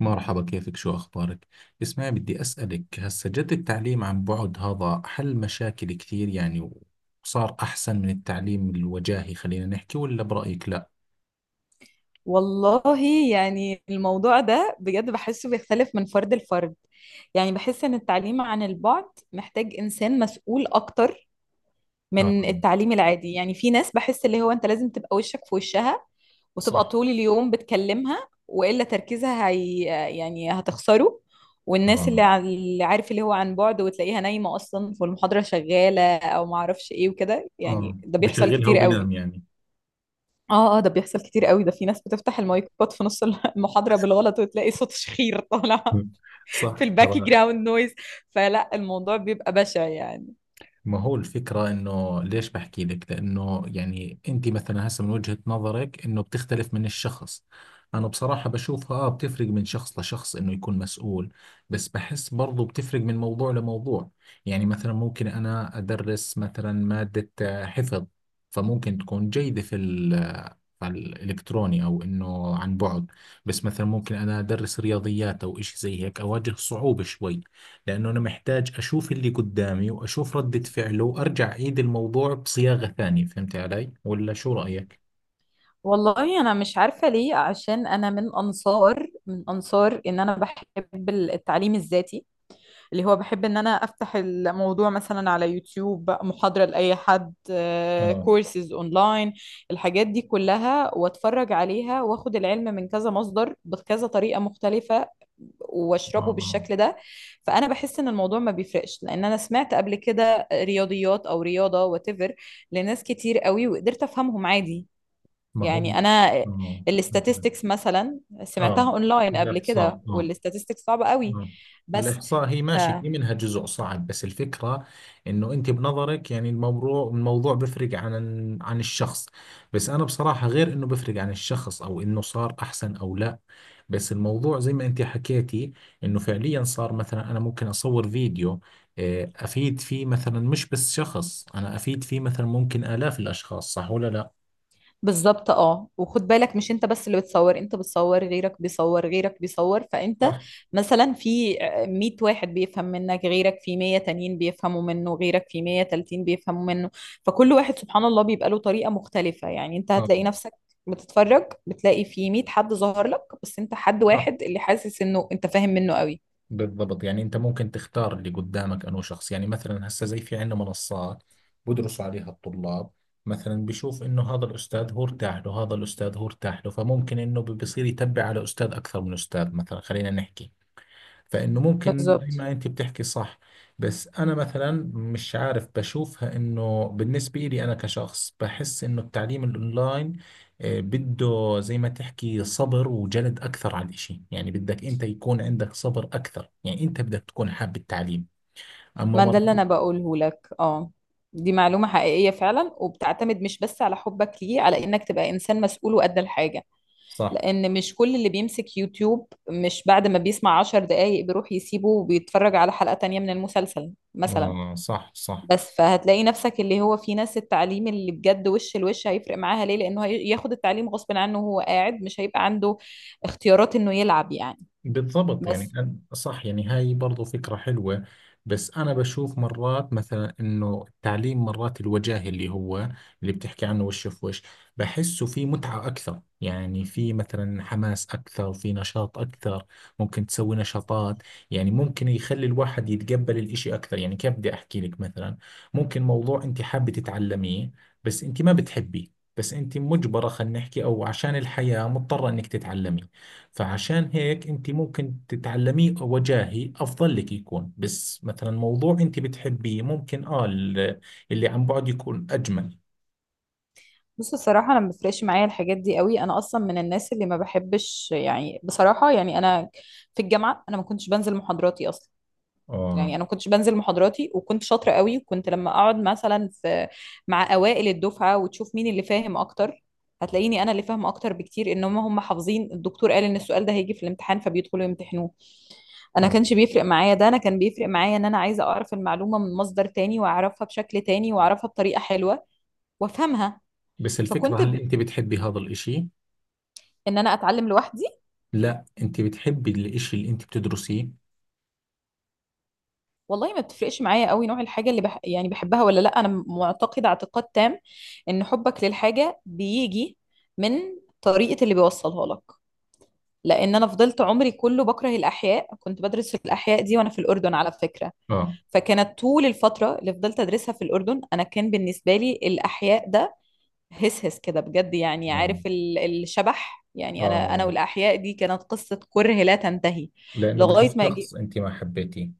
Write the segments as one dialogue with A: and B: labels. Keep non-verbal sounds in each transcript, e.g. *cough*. A: مرحبا، كيفك، شو أخبارك؟ اسمعي، بدي أسألك هسا. جد التعليم عن بعد هذا حل مشاكل كثير، يعني وصار أحسن من التعليم الوجاهي، خلينا نحكي. ولا برأيك لا؟
B: والله، يعني الموضوع ده بجد بحسه بيختلف من فرد لفرد. يعني بحس ان التعليم عن البعد محتاج انسان مسؤول اكتر
A: اه.
B: من التعليم العادي. يعني في ناس بحس اللي هو انت لازم تبقى وشك في وشها وتبقى
A: صح.
B: طول اليوم بتكلمها، والا تركيزها هي يعني هتخسره. والناس اللي
A: آه،
B: اللي عارف اللي هو عن بعد وتلاقيها نايمة اصلا والمحاضرة شغالة او معرفش ايه وكده، يعني
A: آه،
B: ده بيحصل
A: بشغلها
B: كتير قوي.
A: وبنام يعني.
B: اه، اه، ده بيحصل كتير قوي. ده في ناس بتفتح المايكات في نص المحاضرة بالغلط وتلاقي صوت شخير طالع
A: *laughs*
B: *laughs*
A: صح
B: في الباك
A: ترى.
B: جراوند نويز. فلا الموضوع بيبقى بشع يعني.
A: ما هو الفكرة إنه ليش بحكي لك؟ لأنه يعني أنت مثلا هسه من وجهة نظرك إنه بتختلف من الشخص. أنا بصراحة بشوفها، بتفرق من شخص لشخص، إنه يكون مسؤول. بس بحس برضو بتفرق من موضوع لموضوع. يعني مثلا ممكن أنا أدرس مثلا مادة حفظ، فممكن تكون جيدة في على الإلكتروني، أو إنه عن بعد. بس مثلا ممكن أنا أدرس رياضيات أو إشي زي هيك، أواجه صعوبة شوي. لأنه أنا محتاج أشوف اللي قدامي وأشوف ردة فعله وأرجع أعيد الموضوع بصياغة ثانية. فهمت علي؟ ولا شو رأيك؟
B: والله انا مش عارفة ليه، عشان انا من انصار ان انا بحب التعليم الذاتي، اللي هو بحب ان انا افتح الموضوع مثلا على يوتيوب محاضرة لأي حد،
A: اه.
B: كورسز اونلاين، الحاجات دي كلها، واتفرج عليها واخد العلم من كذا مصدر بكذا طريقة مختلفة
A: آه،
B: واشربه
A: آه.
B: بالشكل ده. فانا بحس ان الموضوع ما بيفرقش، لان انا سمعت قبل كده رياضيات او رياضة واتيفر لناس كتير قوي وقدرت افهمهم عادي.
A: ما هو.
B: يعني انا
A: آه،
B: الاستاتستكس مثلا
A: آه.
B: سمعتها اونلاين قبل كده،
A: الإحصاء. آه،
B: والاستاتستكس صعبة قوي.
A: آه.
B: بس
A: الإحصاء هي
B: ف...
A: ماشي، في منها جزء صعب، بس الفكرة إنه أنت بنظرك يعني الموضوع الموضوع بفرق عن الشخص. بس أنا بصراحة، غير إنه بفرق عن الشخص أو إنه صار أحسن أو لا، بس الموضوع زي ما أنت حكيتي، إنه فعليا صار مثلا أنا ممكن أصور فيديو، أفيد فيه مثلا مش بس شخص، أنا أفيد فيه مثلا ممكن آلاف الأشخاص. صح ولا لا؟
B: بالظبط. اه، وخد بالك مش انت بس اللي بتصور، انت بتصور غيرك بيصور غيرك بيصور، فانت
A: صح.
B: مثلا في 100 واحد بيفهم منك، غيرك في 100 تانيين بيفهموا منه، غيرك في 100 تالتين بيفهموا منه. فكل واحد سبحان الله بيبقى له طريقة مختلفة. يعني انت
A: آه.
B: هتلاقي نفسك بتتفرج، بتلاقي في 100 حد ظهر لك، بس انت حد
A: صح.
B: واحد اللي حاسس انه انت فاهم منه قوي.
A: بالضبط، يعني انت ممكن تختار اللي قدامك انه شخص. يعني مثلا هسه زي في عندنا منصات بدرسوا عليها الطلاب. مثلا بشوف انه هذا الاستاذ هو ارتاح له، هذا الاستاذ هو ارتاح له، فممكن انه بصير يتبع على استاذ اكثر من استاذ مثلا، خلينا نحكي. فانه ممكن زي
B: بالظبط.
A: ما انت بتحكي، صح. بس انا مثلا مش عارف، بشوفها انه بالنسبه لي انا كشخص بحس انه التعليم الاونلاين، بده زي ما تحكي صبر وجلد اكثر على الاشي. يعني بدك انت يكون عندك صبر اكثر. يعني انت بدك تكون حاب التعليم، اما
B: ما ده
A: مر...
B: اللي انا بقوله لك. اه، دي معلومة حقيقية فعلا، وبتعتمد مش بس على حبك ليه، على انك تبقى انسان مسؤول وقد الحاجة.
A: صح.
B: لأن مش كل اللي بيمسك يوتيوب مش بعد ما بيسمع 10 دقايق بيروح يسيبه وبيتفرج على حلقة تانية من المسلسل مثلا.
A: صح، صح.
B: بس فهتلاقي نفسك اللي هو في ناس التعليم اللي بجد وش الوش هيفرق معاها، ليه؟ لأنه ياخد التعليم غصب عنه، وهو قاعد مش هيبقى عنده اختيارات إنه يلعب يعني.
A: بالضبط، يعني
B: بس
A: صح، يعني هاي برضو فكرة حلوة. بس أنا بشوف مرات مثلا إنه التعليم مرات الوجاهي اللي هو اللي بتحكي عنه، وش في وش، بحسه في متعة أكثر. يعني في مثلا حماس أكثر، في نشاط أكثر، ممكن تسوي نشاطات، يعني ممكن يخلي الواحد يتقبل الإشي أكثر. يعني كيف بدي أحكي لك؟ مثلا ممكن موضوع أنت حابة تتعلميه بس أنت ما بتحبيه، بس أنت مجبرة، خلينا نحكي، أو عشان الحياة مضطرة إنك تتعلمي. فعشان هيك انت ممكن تتعلميه وجاهي افضل لك يكون، بس مثلا موضوع انت بتحبيه، ممكن اللي عن بعد يكون اجمل.
B: بص الصراحة، أنا ما بيفرقش معايا الحاجات دي قوي، أنا أصلا من الناس اللي ما بحبش يعني، بصراحة، يعني أنا في الجامعة أنا ما كنتش بنزل محاضراتي أصلا. يعني
A: اه،
B: انا ما كنتش بنزل محاضراتي، وكنت شاطره قوي. وكنت لما اقعد مثلا في مع اوائل الدفعه وتشوف مين اللي فاهم اكتر، هتلاقيني انا اللي فاهمه اكتر بكتير، ان هم حافظين الدكتور قال ان السؤال ده هيجي في الامتحان فبيدخلوا يمتحنوه. انا
A: اه.
B: كانش بيفرق معايا ده، انا كان بيفرق معايا ان انا عايزه اعرف المعلومه من مصدر تاني واعرفها بشكل تاني واعرفها بطريقه حلوه وافهمها.
A: بس الفكرة،
B: فكنت
A: هل انت بتحبي هذا الاشي؟
B: ان انا اتعلم لوحدي.
A: لا، انت بتحبي الاشي اللي انت بتدرسيه؟
B: والله ما بتفرقش معايا قوي نوع الحاجة اللي يعني بحبها ولا لا. انا معتقدة اعتقاد تام ان حبك للحاجة بيجي من طريقة اللي بيوصلها لك. لان انا فضلت عمري كله بكره الاحياء، كنت بدرس في الاحياء دي وانا في الاردن على فكرة.
A: اه،
B: فكانت طول الفترة اللي فضلت ادرسها في الاردن انا كان بالنسبة لي الاحياء ده هس هس كده بجد، يعني
A: اه،
B: عارف الشبح. يعني انا
A: اه.
B: والاحياء دي كانت قصة كره لا تنتهي
A: لانه
B: لغاية
A: بدرس
B: ما.
A: شخص انت ما حبيتيه.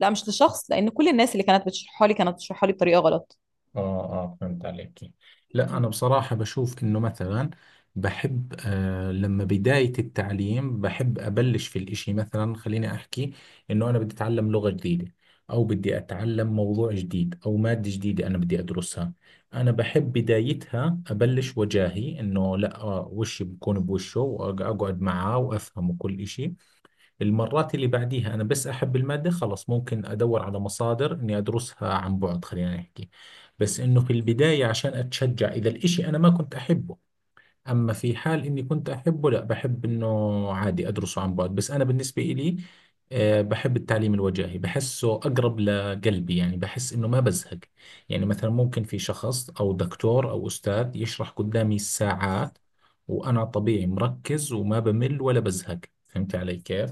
B: لا مش لشخص، لان كل الناس اللي كانت بتشرحها لي كانت بتشرحها لي بطريقه غلط.
A: اه، اه، فهمت عليك. لا، انا بصراحة بشوف انه مثلا بحب، لما بداية التعليم بحب ابلش في الاشي. مثلا خليني احكي، انه انا بدي اتعلم لغة جديدة، او بدي اتعلم موضوع جديد او مادة جديدة انا بدي ادرسها. انا بحب بدايتها ابلش وجاهي، انه لا، وشي بكون بوشه، واقعد معاه وافهمه كل اشي. المرات اللي بعديها أنا بس أحب المادة خلص، ممكن أدور على مصادر إني أدرسها عن بعد، خلينا نحكي. بس إنه في البداية عشان أتشجع إذا الإشي أنا ما كنت أحبه. أما في حال إني كنت أحبه، لا، بحب إنه عادي أدرسه عن بعد. بس أنا بالنسبة إلي، بحب التعليم الوجاهي، بحسه أقرب لقلبي. يعني بحس إنه ما بزهق. يعني مثلا ممكن في شخص أو دكتور أو أستاذ يشرح قدامي ساعات وأنا طبيعي مركز وما بمل ولا بزهق. فهمت علي كيف؟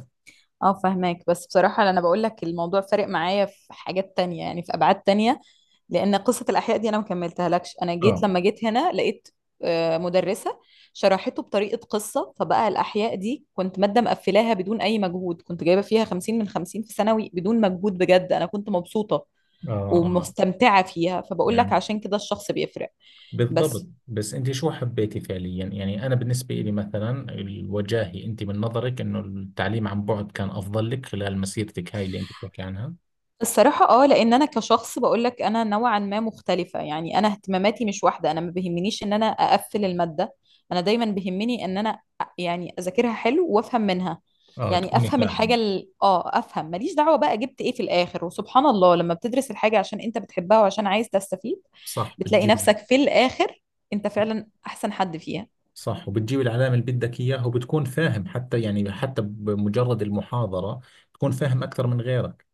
B: اه، فهماك. بس بصراحه انا بقول لك الموضوع فارق معايا في حاجات تانية، يعني في ابعاد تانية. لان قصه الاحياء دي انا ما كملتها لكش، انا جيت لما جيت هنا لقيت مدرسه شرحته بطريقه قصه، فبقى الاحياء دي كنت ماده مقفلاها بدون اي مجهود. كنت جايبه فيها 50 من 50 في ثانوي بدون مجهود بجد، انا كنت مبسوطه
A: آه، آه.
B: ومستمتعه فيها. فبقول لك
A: يعني
B: عشان كده الشخص بيفرق.
A: بالضبط،
B: بس
A: بس أنت شو حبيتي فعليا؟ يعني أنا بالنسبة لي مثلا الوجاهي، أنت من نظرك إنه التعليم عن بعد كان أفضل لك خلال مسيرتك هاي اللي أنت بتحكي عنها.
B: الصراحة اه، لان انا كشخص بقول لك انا نوعا ما مختلفة، يعني انا اهتماماتي مش واحدة. انا ما بيهمنيش ان انا اقفل المادة، انا دايما بيهمني ان انا يعني اذاكرها حلو وافهم منها.
A: آه،
B: يعني
A: تكوني
B: افهم الحاجة
A: فاهم.
B: افهم، ماليش دعوة بقى جبت ايه في الاخر. وسبحان الله لما بتدرس الحاجة عشان انت بتحبها وعشان عايز تستفيد،
A: صح،
B: بتلاقي
A: بتجيب.
B: نفسك في الاخر انت فعلا احسن حد فيها.
A: صح، وبتجيب العلامة اللي بدك إياها، وبتكون فاهم حتى، يعني حتى بمجرد المحاضرة تكون فاهم أكثر من غيرك.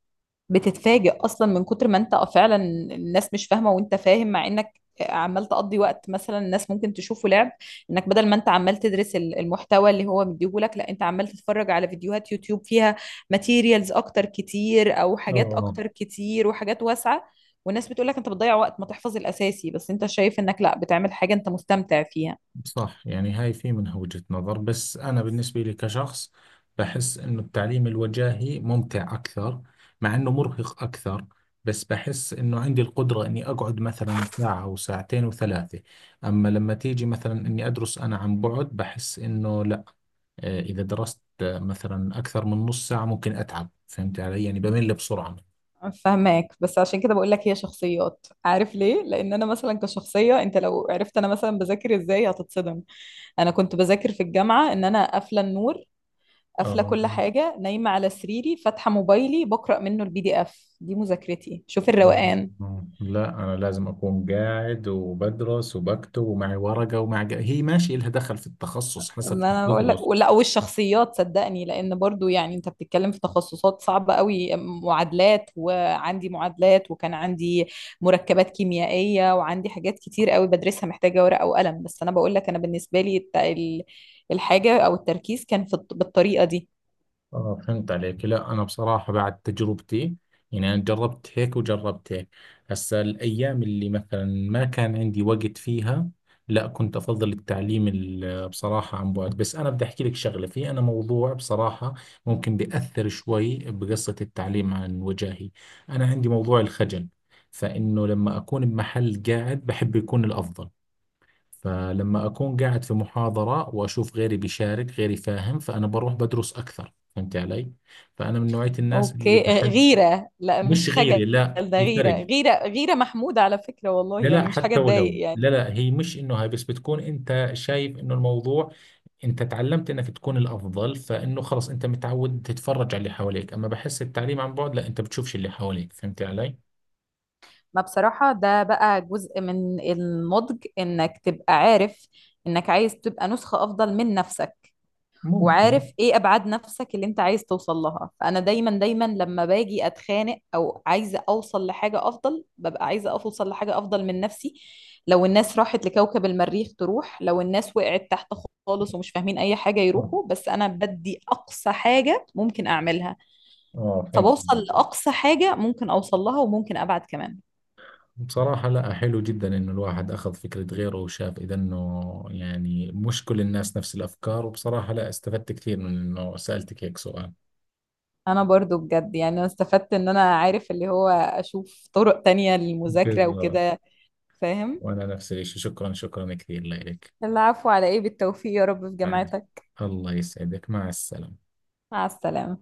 B: بتتفاجئ اصلا من كتر ما انت فعلا الناس مش فاهمه وانت فاهم، مع انك عمال تقضي وقت مثلا الناس ممكن تشوفه لعب. انك بدل ما انت عمال تدرس المحتوى اللي هو مديهولك، لا انت عمال تتفرج على فيديوهات يوتيوب فيها ماتيريالز اكتر كتير او حاجات
A: آه.
B: اكتر كتير وحاجات واسعه. والناس بتقول لك انت بتضيع وقت، ما تحفظ الاساسي، بس انت شايف انك لا بتعمل حاجه انت مستمتع فيها.
A: صح. يعني هاي في منها وجهة نظر، بس أنا بالنسبة لي كشخص بحس إنه التعليم الوجاهي ممتع أكثر، مع إنه مرهق أكثر. بس بحس إنه عندي القدرة إني أقعد مثلا ساعة وساعتين وثلاثة. أما لما تيجي مثلا إني أدرس أنا عن بعد، بحس إنه لا، إذا درست مثلا أكثر من نص ساعة ممكن أتعب. فهمت علي؟ يعني بمل بسرعة.
B: فهماك. بس عشان كده بقول لك هي شخصيات، عارف ليه؟ لان انا مثلا كشخصيه، انت لو عرفت انا مثلا بذاكر ازاي هتتصدم. انا كنت بذاكر في الجامعه ان انا قافله النور، قافله
A: آه.
B: كل حاجه، نايمه على سريري، فاتحه موبايلي بقرا منه البي دي اف دي مذاكرتي. شوف
A: مم.
B: الروقان.
A: لا، أنا لازم أكون قاعد وبدرس وبكتب ومعي ورقة ومعي هي ماشي، إلها دخل في التخصص حسب
B: ما
A: شو
B: انا بقول لك،
A: بتدرس.
B: ولا والشخصيات صدقني. لان برضو يعني انت بتتكلم في تخصصات صعبه قوي، معادلات وعندي معادلات وكان عندي مركبات كيميائيه وعندي حاجات كتير قوي بدرسها محتاجه ورقه وقلم. بس انا بقول لك انا بالنسبه لي الحاجه او التركيز كان في بالطريقه دي.
A: فهمت عليك. لا، أنا بصراحة بعد تجربتي، يعني أنا جربت هيك وجربت هيك، هسا الأيام اللي مثلا ما كان عندي وقت فيها، لا، كنت أفضل التعليم بصراحة عن بعد. بس أنا بدي أحكي لك شغلة، في أنا موضوع بصراحة ممكن بيأثر شوي بقصة التعليم عن وجاهي. أنا عندي موضوع الخجل، فإنه لما أكون بمحل قاعد بحب يكون الأفضل. فلما أكون قاعد في محاضرة وأشوف غيري بيشارك، غيري فاهم، فأنا بروح بدرس أكثر. فهمت علي؟ فأنا من نوعية الناس اللي
B: اوكي. آه،
A: بحب.
B: غيرة لا مش
A: مش
B: خجل.
A: غيري، لا،
B: ده
A: في
B: غيرة،
A: فرق.
B: غيرة، غيرة محمودة على فكرة، والله
A: لا،
B: يعني
A: لا،
B: مش حاجة
A: حتى
B: تضايق
A: ولو،
B: يعني.
A: لا، لا، هي مش إنه، هاي بس بتكون أنت شايف إنه الموضوع، أنت تعلمت إنك تكون الأفضل، فإنه خلص أنت متعود تتفرج على اللي حواليك. أما بحس التعليم عن بعد لا، أنت بتشوفش اللي حواليك. فهمت علي؟
B: ما بصراحة ده بقى جزء من النضج، انك تبقى عارف انك عايز تبقى نسخة افضل من نفسك،
A: ممكن.
B: وعارف ايه ابعاد نفسك اللي انت عايز توصل لها. فانا دايما دايما لما باجي اتخانق او عايزه اوصل لحاجه افضل، ببقى عايزه اوصل لحاجه افضل من نفسي. لو الناس راحت لكوكب المريخ تروح، لو الناس وقعت تحت خالص ومش فاهمين اي حاجه
A: اه،
B: يروحوا، بس انا بدي اقصى حاجه ممكن اعملها.
A: اه، فهمت.
B: فبوصل لاقصى حاجه ممكن اوصل لها، وممكن ابعد كمان.
A: بصراحة لا، حلو جدا إنه الواحد أخذ فكرة غيره، وشاف إذا إنه يعني مش كل الناس نفس الأفكار. وبصراحة لا، استفدت كثير من إنه سألتك هيك سؤال.
B: انا برضو بجد يعني انا استفدت ان انا عارف اللي هو اشوف طرق تانية للمذاكره
A: بالضبط.
B: وكده. فاهم.
A: وأنا نفس الشيء، شكرا، شكرا كثير لك.
B: العفو، على ايه، بالتوفيق يا رب في
A: مع-
B: جامعتك.
A: الله يسعدك، مع السلامة.
B: مع السلامة.